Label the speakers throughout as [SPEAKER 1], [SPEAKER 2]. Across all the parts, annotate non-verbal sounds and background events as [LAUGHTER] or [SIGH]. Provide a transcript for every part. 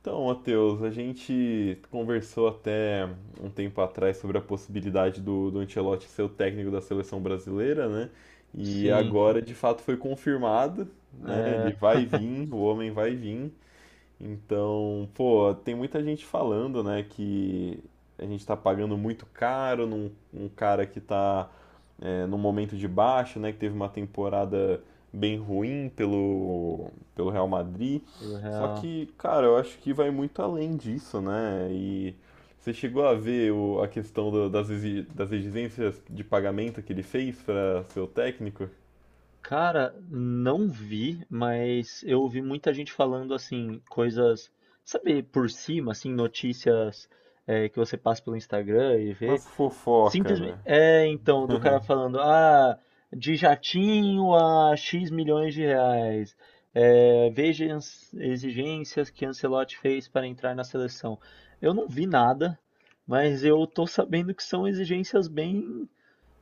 [SPEAKER 1] Então, Matheus, a gente conversou até um tempo atrás sobre a possibilidade do Ancelotti ser o técnico da seleção brasileira, né? E
[SPEAKER 2] Sim,
[SPEAKER 1] agora de fato foi confirmado, né? Ele
[SPEAKER 2] é.
[SPEAKER 1] vai
[SPEAKER 2] [LAUGHS]
[SPEAKER 1] vir, o homem vai vir. Então, pô, tem muita gente falando, né, que a gente tá pagando muito caro num cara que tá num momento de baixa, né, que teve uma temporada bem ruim pelo Real Madrid.
[SPEAKER 2] Tudo
[SPEAKER 1] Só
[SPEAKER 2] real.
[SPEAKER 1] que, cara, eu acho que vai muito além disso, né? E você chegou a ver a questão das exigências de pagamento que ele fez para seu técnico?
[SPEAKER 2] Cara, não vi, mas eu ouvi muita gente falando assim, coisas, sabe, por cima, assim, notícias que você passa pelo Instagram e vê.
[SPEAKER 1] Mas fofoca,
[SPEAKER 2] Simplesmente,
[SPEAKER 1] né?
[SPEAKER 2] então, do
[SPEAKER 1] [LAUGHS]
[SPEAKER 2] cara falando, ah, de jatinho a X milhões de reais. É, veja as exigências que Ancelotti fez para entrar na seleção. Eu não vi nada, mas eu tô sabendo que são exigências bem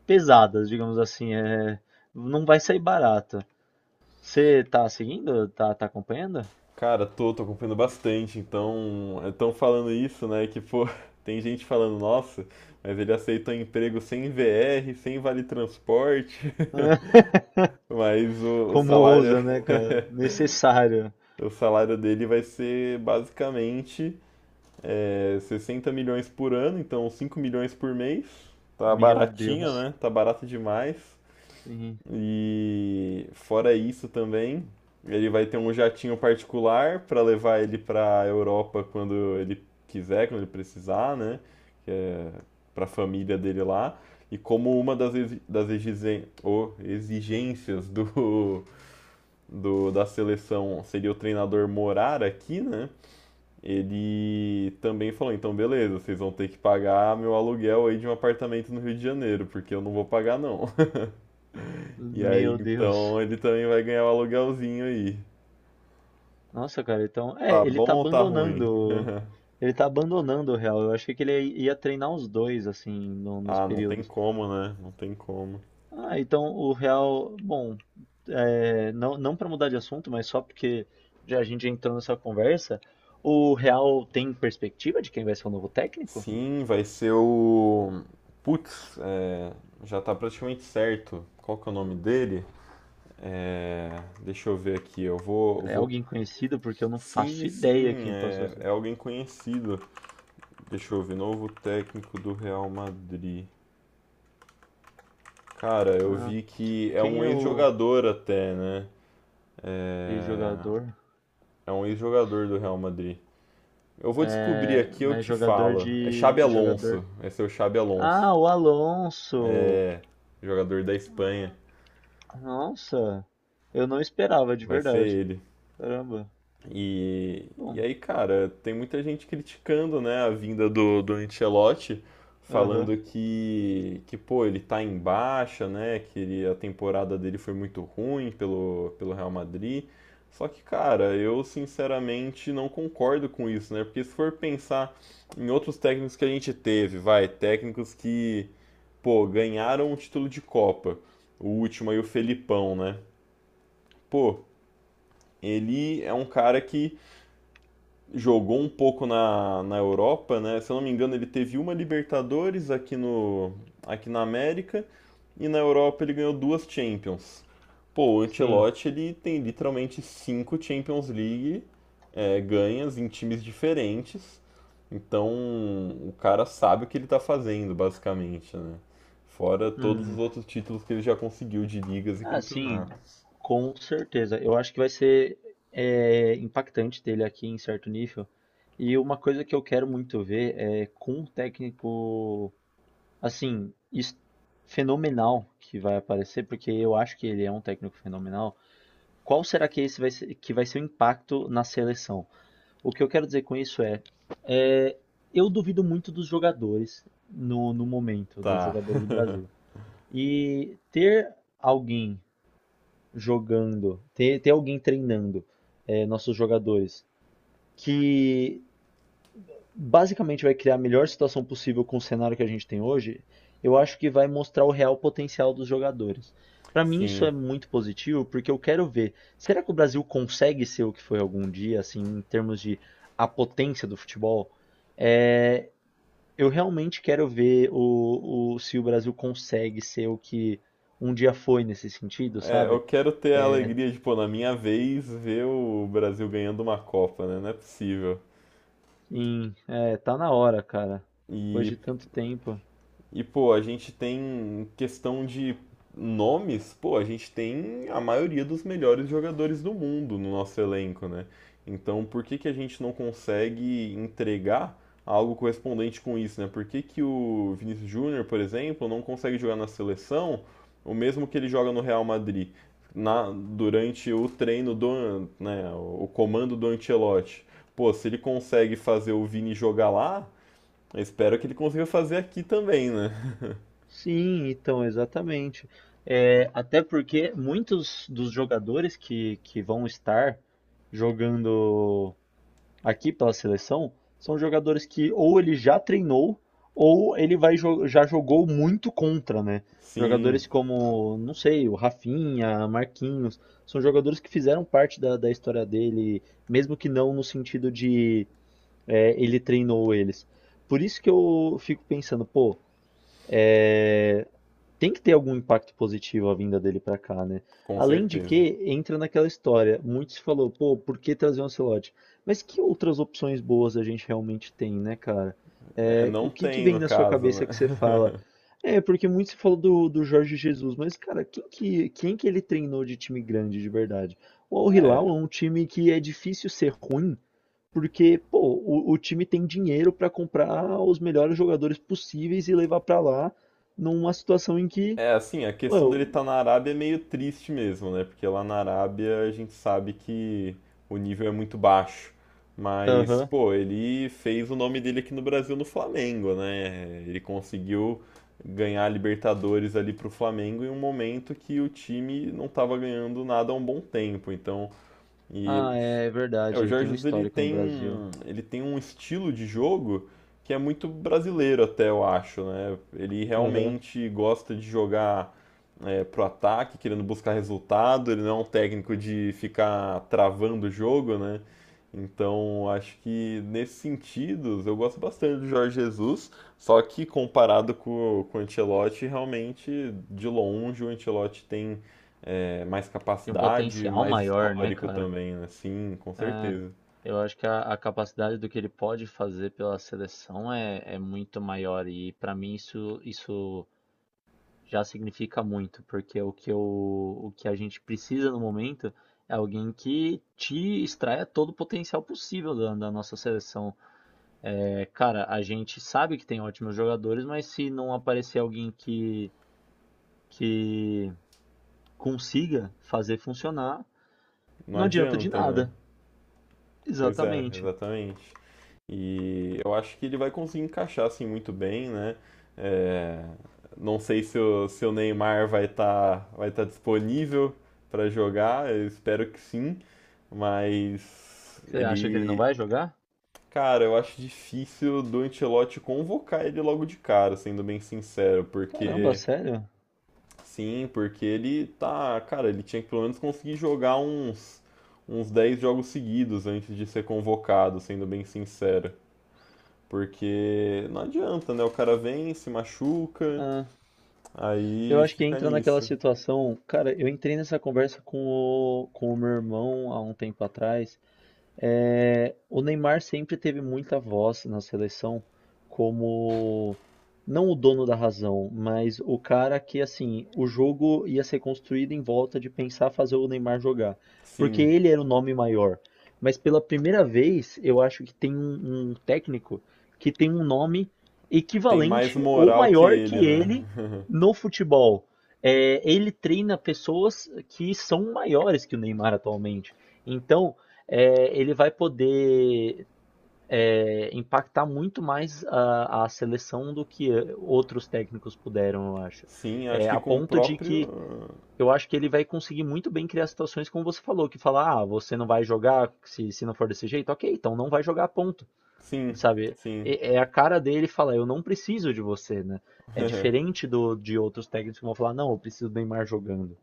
[SPEAKER 2] pesadas, digamos assim, não vai sair barato. Você tá seguindo? Tá acompanhando?
[SPEAKER 1] Cara, tô acompanhando bastante, então estão falando isso, né? Que pô, [LAUGHS] tem gente falando, nossa, mas ele aceitou emprego sem VR, sem vale transporte.
[SPEAKER 2] [LAUGHS]
[SPEAKER 1] Mas o
[SPEAKER 2] Como
[SPEAKER 1] salário
[SPEAKER 2] ousa, né, cara? Necessário.
[SPEAKER 1] [LAUGHS] o salário dele vai ser basicamente 60 milhões por ano, então 5 milhões por mês. Tá
[SPEAKER 2] Meu
[SPEAKER 1] baratinho,
[SPEAKER 2] Deus.
[SPEAKER 1] né? Tá barato demais.
[SPEAKER 2] Sim.
[SPEAKER 1] E fora isso também, ele vai ter um jatinho particular para levar ele para Europa quando ele quiser, quando ele precisar, né? Que é para a família dele lá. E como uma exigências do da seleção seria o treinador morar aqui, né? Ele também falou, então beleza, vocês vão ter que pagar meu aluguel aí de um apartamento no Rio de Janeiro, porque eu não vou pagar não. [LAUGHS] E aí,
[SPEAKER 2] Meu Deus.
[SPEAKER 1] então, ele também vai ganhar o aluguelzinho aí.
[SPEAKER 2] Nossa, cara, então,
[SPEAKER 1] Tá
[SPEAKER 2] ele
[SPEAKER 1] bom
[SPEAKER 2] tá
[SPEAKER 1] ou tá ruim?
[SPEAKER 2] abandonando,
[SPEAKER 1] [LAUGHS]
[SPEAKER 2] ele tá abandonando o real. Eu achei que ele ia treinar os dois assim nos
[SPEAKER 1] Ah, não tem
[SPEAKER 2] períodos.
[SPEAKER 1] como, né? Não tem como.
[SPEAKER 2] Ah, então o real, bom, não para mudar de assunto, mas só porque já a gente entrou nessa conversa, o Real tem perspectiva de quem vai ser o novo técnico?
[SPEAKER 1] Sim, vai ser o. Putz, é, já tá praticamente certo. Qual que é o nome dele? É, deixa eu ver aqui. Eu vou, eu
[SPEAKER 2] Cara, é
[SPEAKER 1] vou
[SPEAKER 2] alguém conhecido porque eu não
[SPEAKER 1] Sim,
[SPEAKER 2] faço ideia
[SPEAKER 1] sim,
[SPEAKER 2] quem possa
[SPEAKER 1] é, é
[SPEAKER 2] ser.
[SPEAKER 1] alguém conhecido. Deixa eu ver, novo técnico do Real Madrid. Cara, eu
[SPEAKER 2] Ah,
[SPEAKER 1] vi que é
[SPEAKER 2] quem
[SPEAKER 1] um
[SPEAKER 2] é o
[SPEAKER 1] ex-jogador até, né? É,
[SPEAKER 2] ex-jogador?
[SPEAKER 1] é um ex-jogador do Real Madrid. Eu vou descobrir
[SPEAKER 2] É,
[SPEAKER 1] aqui, eu
[SPEAKER 2] mas
[SPEAKER 1] te
[SPEAKER 2] jogador
[SPEAKER 1] falo. É
[SPEAKER 2] de
[SPEAKER 1] Xabi Alonso.
[SPEAKER 2] jogador.
[SPEAKER 1] Esse é o Xabi Alonso.
[SPEAKER 2] Ah, o Alonso.
[SPEAKER 1] É jogador da Espanha.
[SPEAKER 2] Nossa, eu não esperava de
[SPEAKER 1] Vai ser
[SPEAKER 2] verdade.
[SPEAKER 1] ele.
[SPEAKER 2] Caramba.
[SPEAKER 1] E, e
[SPEAKER 2] Bom,
[SPEAKER 1] aí, cara, tem muita gente criticando, né, a vinda do Ancelotti,
[SPEAKER 2] aham.
[SPEAKER 1] falando que, pô, ele tá em baixa, né, que ele- a temporada dele foi muito ruim pelo Real Madrid. Só que, cara, eu sinceramente não concordo com isso, né, porque se for pensar em outros técnicos que a gente teve, vai, técnicos que, pô, ganharam o título de Copa, o último aí, o Felipão, né, pô, ele é um cara que jogou um pouco na Europa, né? Se eu não me engano, ele teve uma Libertadores aqui no aqui na América e na Europa ele ganhou duas Champions. Pô, o
[SPEAKER 2] Sim.
[SPEAKER 1] Ancelotti ele tem literalmente cinco Champions League ganhas em times diferentes. Então o cara sabe o que ele tá fazendo, basicamente, né? Fora todos os
[SPEAKER 2] Hum.
[SPEAKER 1] outros títulos que ele já conseguiu de ligas e
[SPEAKER 2] Ah, sim,
[SPEAKER 1] campeonatos.
[SPEAKER 2] com certeza. Eu acho que vai ser impactante ter ele aqui em certo nível. E uma coisa que eu quero muito ver é com um técnico, assim, fenomenal que vai aparecer, porque eu acho que ele é um técnico fenomenal. Qual será que esse vai ser, que vai ser o impacto na seleção? O que eu quero dizer com isso é, é, eu duvido muito dos jogadores no momento, dos
[SPEAKER 1] Tá,
[SPEAKER 2] jogadores do Brasil. E ter alguém jogando, ter alguém treinando nossos jogadores, que basicamente vai criar a melhor situação possível com o cenário que a gente tem hoje, eu acho que vai mostrar o real potencial dos jogadores. Para mim isso
[SPEAKER 1] sim.
[SPEAKER 2] é muito positivo, porque eu quero ver, será que o Brasil consegue ser o que foi algum dia, assim, em termos de a potência do futebol? É, eu realmente quero ver se o Brasil consegue ser o que um dia foi nesse sentido,
[SPEAKER 1] É, eu
[SPEAKER 2] sabe?
[SPEAKER 1] quero ter a alegria de, pô, na minha vez, ver o Brasil ganhando uma Copa, né? Não é possível.
[SPEAKER 2] Sim, é, tá na hora, cara. Depois de
[SPEAKER 1] E,
[SPEAKER 2] tanto tempo.
[SPEAKER 1] E, pô, a gente tem questão de nomes, pô, a gente tem a maioria dos melhores jogadores do mundo no nosso elenco, né? Então, por que que a gente não consegue entregar algo correspondente com isso, né? Por que que o Vinícius Júnior, por exemplo, não consegue jogar na seleção o mesmo que ele joga no Real Madrid? Na, durante o treino do, né, o comando do Ancelotti. Pô, se ele consegue fazer o Vini jogar lá, eu espero que ele consiga fazer aqui também, né?
[SPEAKER 2] Sim, então, exatamente. É, até porque muitos dos jogadores que vão estar jogando aqui pela seleção são jogadores que ou ele já treinou ou ele já jogou muito contra, né?
[SPEAKER 1] Sim,
[SPEAKER 2] Jogadores como, não sei, o Rafinha, Marquinhos, são jogadores que fizeram parte da história dele, mesmo que não no sentido. É, ele treinou eles. Por isso que eu fico pensando, pô, é, tem que ter algum impacto positivo a vinda dele pra cá, né?
[SPEAKER 1] com
[SPEAKER 2] Além de
[SPEAKER 1] certeza.
[SPEAKER 2] que, entra naquela história, muitos falou, pô, por que trazer um Ancelotti? Mas que outras opções boas a gente realmente tem, né, cara?
[SPEAKER 1] É,
[SPEAKER 2] É,
[SPEAKER 1] não
[SPEAKER 2] o que que
[SPEAKER 1] tem
[SPEAKER 2] vem
[SPEAKER 1] no
[SPEAKER 2] na sua
[SPEAKER 1] caso, né?
[SPEAKER 2] cabeça que você fala?
[SPEAKER 1] [LAUGHS]
[SPEAKER 2] É, porque muito se falou do Jorge Jesus, mas, cara, quem que ele treinou de time grande de verdade? O Al Hilal
[SPEAKER 1] É,
[SPEAKER 2] é um time que é difícil ser ruim, porque, pô, o time tem dinheiro para comprar os melhores jogadores possíveis e levar para lá numa situação em que,
[SPEAKER 1] é assim, a questão dele estar
[SPEAKER 2] pô,
[SPEAKER 1] na Arábia é meio triste mesmo, né? Porque lá na Arábia a gente sabe que o nível é muito baixo. Mas,
[SPEAKER 2] aham.
[SPEAKER 1] pô, ele fez o nome dele aqui no Brasil no Flamengo, né? Ele conseguiu ganhar a Libertadores ali pro Flamengo em um momento que o time não estava ganhando nada há um bom tempo. Então, e
[SPEAKER 2] Ah, é é
[SPEAKER 1] É,
[SPEAKER 2] verdade,
[SPEAKER 1] o
[SPEAKER 2] ele tem um
[SPEAKER 1] Georges
[SPEAKER 2] histórico no Brasil.
[SPEAKER 1] ele tem um estilo de jogo que é muito brasileiro até, eu acho, né? Ele
[SPEAKER 2] Aham.
[SPEAKER 1] realmente gosta de jogar pro ataque, querendo buscar resultado, ele não é um técnico de ficar travando o jogo, né? Então, acho que nesse sentido, eu gosto bastante do Jorge Jesus, só que comparado com o Ancelotti, realmente, de longe, o Ancelotti tem mais
[SPEAKER 2] Tem um
[SPEAKER 1] capacidade,
[SPEAKER 2] potencial
[SPEAKER 1] mais
[SPEAKER 2] maior, né,
[SPEAKER 1] histórico
[SPEAKER 2] cara?
[SPEAKER 1] também, né? Sim, com
[SPEAKER 2] É,
[SPEAKER 1] certeza.
[SPEAKER 2] eu acho que a capacidade do que ele pode fazer pela seleção é muito maior e pra mim isso já significa muito, porque o que a gente precisa no momento é alguém que te extraia todo o potencial possível da nossa seleção. É, cara, a gente sabe que tem ótimos jogadores, mas se não aparecer alguém que consiga fazer funcionar,
[SPEAKER 1] Não
[SPEAKER 2] não adianta de
[SPEAKER 1] adianta, né?
[SPEAKER 2] nada.
[SPEAKER 1] Pois é,
[SPEAKER 2] Exatamente.
[SPEAKER 1] exatamente. E eu acho que ele vai conseguir encaixar assim muito bem, né? É, não sei se o, se o Neymar vai tá disponível para jogar, eu espero que sim, mas
[SPEAKER 2] Você acha que ele não
[SPEAKER 1] ele,
[SPEAKER 2] vai jogar?
[SPEAKER 1] cara, eu acho difícil do Ancelotti convocar ele logo de cara, sendo bem sincero,
[SPEAKER 2] Caramba,
[SPEAKER 1] porque
[SPEAKER 2] sério?
[SPEAKER 1] Sim, porque ele tá, cara, ele tinha que pelo menos conseguir jogar uns 10 jogos seguidos antes de ser convocado, sendo bem sincero. Porque não adianta, né? O cara vem, se machuca,
[SPEAKER 2] Ah, eu
[SPEAKER 1] aí
[SPEAKER 2] acho que
[SPEAKER 1] fica
[SPEAKER 2] entra naquela
[SPEAKER 1] nisso.
[SPEAKER 2] situação. Cara, eu entrei nessa conversa com o meu irmão há um tempo atrás. É, o Neymar sempre teve muita voz na seleção como não o dono da razão, mas o cara que assim, o jogo ia ser construído em volta de pensar fazer o Neymar jogar, porque
[SPEAKER 1] Sim,
[SPEAKER 2] ele era o nome maior. Mas pela primeira vez, eu acho que tem um técnico que tem um nome
[SPEAKER 1] tem mais
[SPEAKER 2] equivalente ou
[SPEAKER 1] moral que
[SPEAKER 2] maior
[SPEAKER 1] ele,
[SPEAKER 2] que
[SPEAKER 1] né?
[SPEAKER 2] ele
[SPEAKER 1] [LAUGHS]
[SPEAKER 2] no futebol. É, ele treina pessoas que são maiores que o Neymar atualmente. Então, ele vai poder impactar muito mais a seleção do que outros técnicos puderam, eu acho.
[SPEAKER 1] Sim, acho
[SPEAKER 2] É,
[SPEAKER 1] que
[SPEAKER 2] a
[SPEAKER 1] com o
[SPEAKER 2] ponto de que
[SPEAKER 1] próprio.
[SPEAKER 2] eu acho que ele vai conseguir muito bem criar situações como você falou, que fala, ah, você não vai jogar se não for desse jeito, ok, então não vai jogar ponto,
[SPEAKER 1] Sim,
[SPEAKER 2] sabe?
[SPEAKER 1] sim.
[SPEAKER 2] É, é a cara dele falar, eu não preciso de você, né? É
[SPEAKER 1] [LAUGHS]
[SPEAKER 2] diferente de outros técnicos que vão falar, não, eu preciso do Neymar jogando.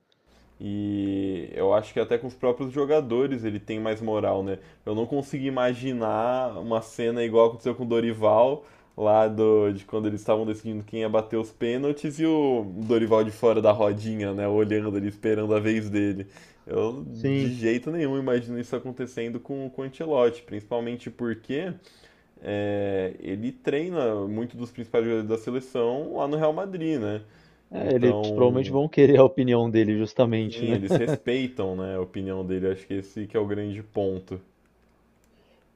[SPEAKER 1] E eu acho que até com os próprios jogadores ele tem mais moral, né? Eu não consigo imaginar uma cena igual aconteceu com o Dorival, lá do, de quando eles estavam decidindo quem ia bater os pênaltis e o Dorival de fora da rodinha, né? Olhando ali, esperando a vez dele. Eu de
[SPEAKER 2] Sim.
[SPEAKER 1] jeito nenhum imagino isso acontecendo com o Ancelotti, principalmente porque é, ele treina muito dos principais jogadores da seleção lá no Real Madrid, né?
[SPEAKER 2] É, eles provavelmente
[SPEAKER 1] Então
[SPEAKER 2] vão querer a opinião dele, justamente,
[SPEAKER 1] Sim,
[SPEAKER 2] né?
[SPEAKER 1] eles respeitam, né, a opinião dele. Acho que esse que é o grande ponto.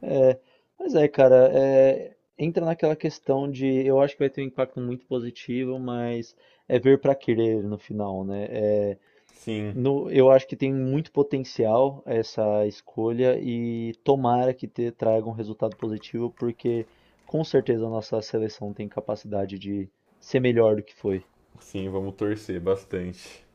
[SPEAKER 2] É, mas cara, entra naquela questão de, eu acho que vai ter um impacto muito positivo, mas é ver para querer no final, né? É,
[SPEAKER 1] Sim,
[SPEAKER 2] eu acho que tem muito potencial essa escolha e tomara que traga um resultado positivo, porque com certeza a nossa seleção tem capacidade de ser melhor do que foi.
[SPEAKER 1] sim, vamos torcer bastante.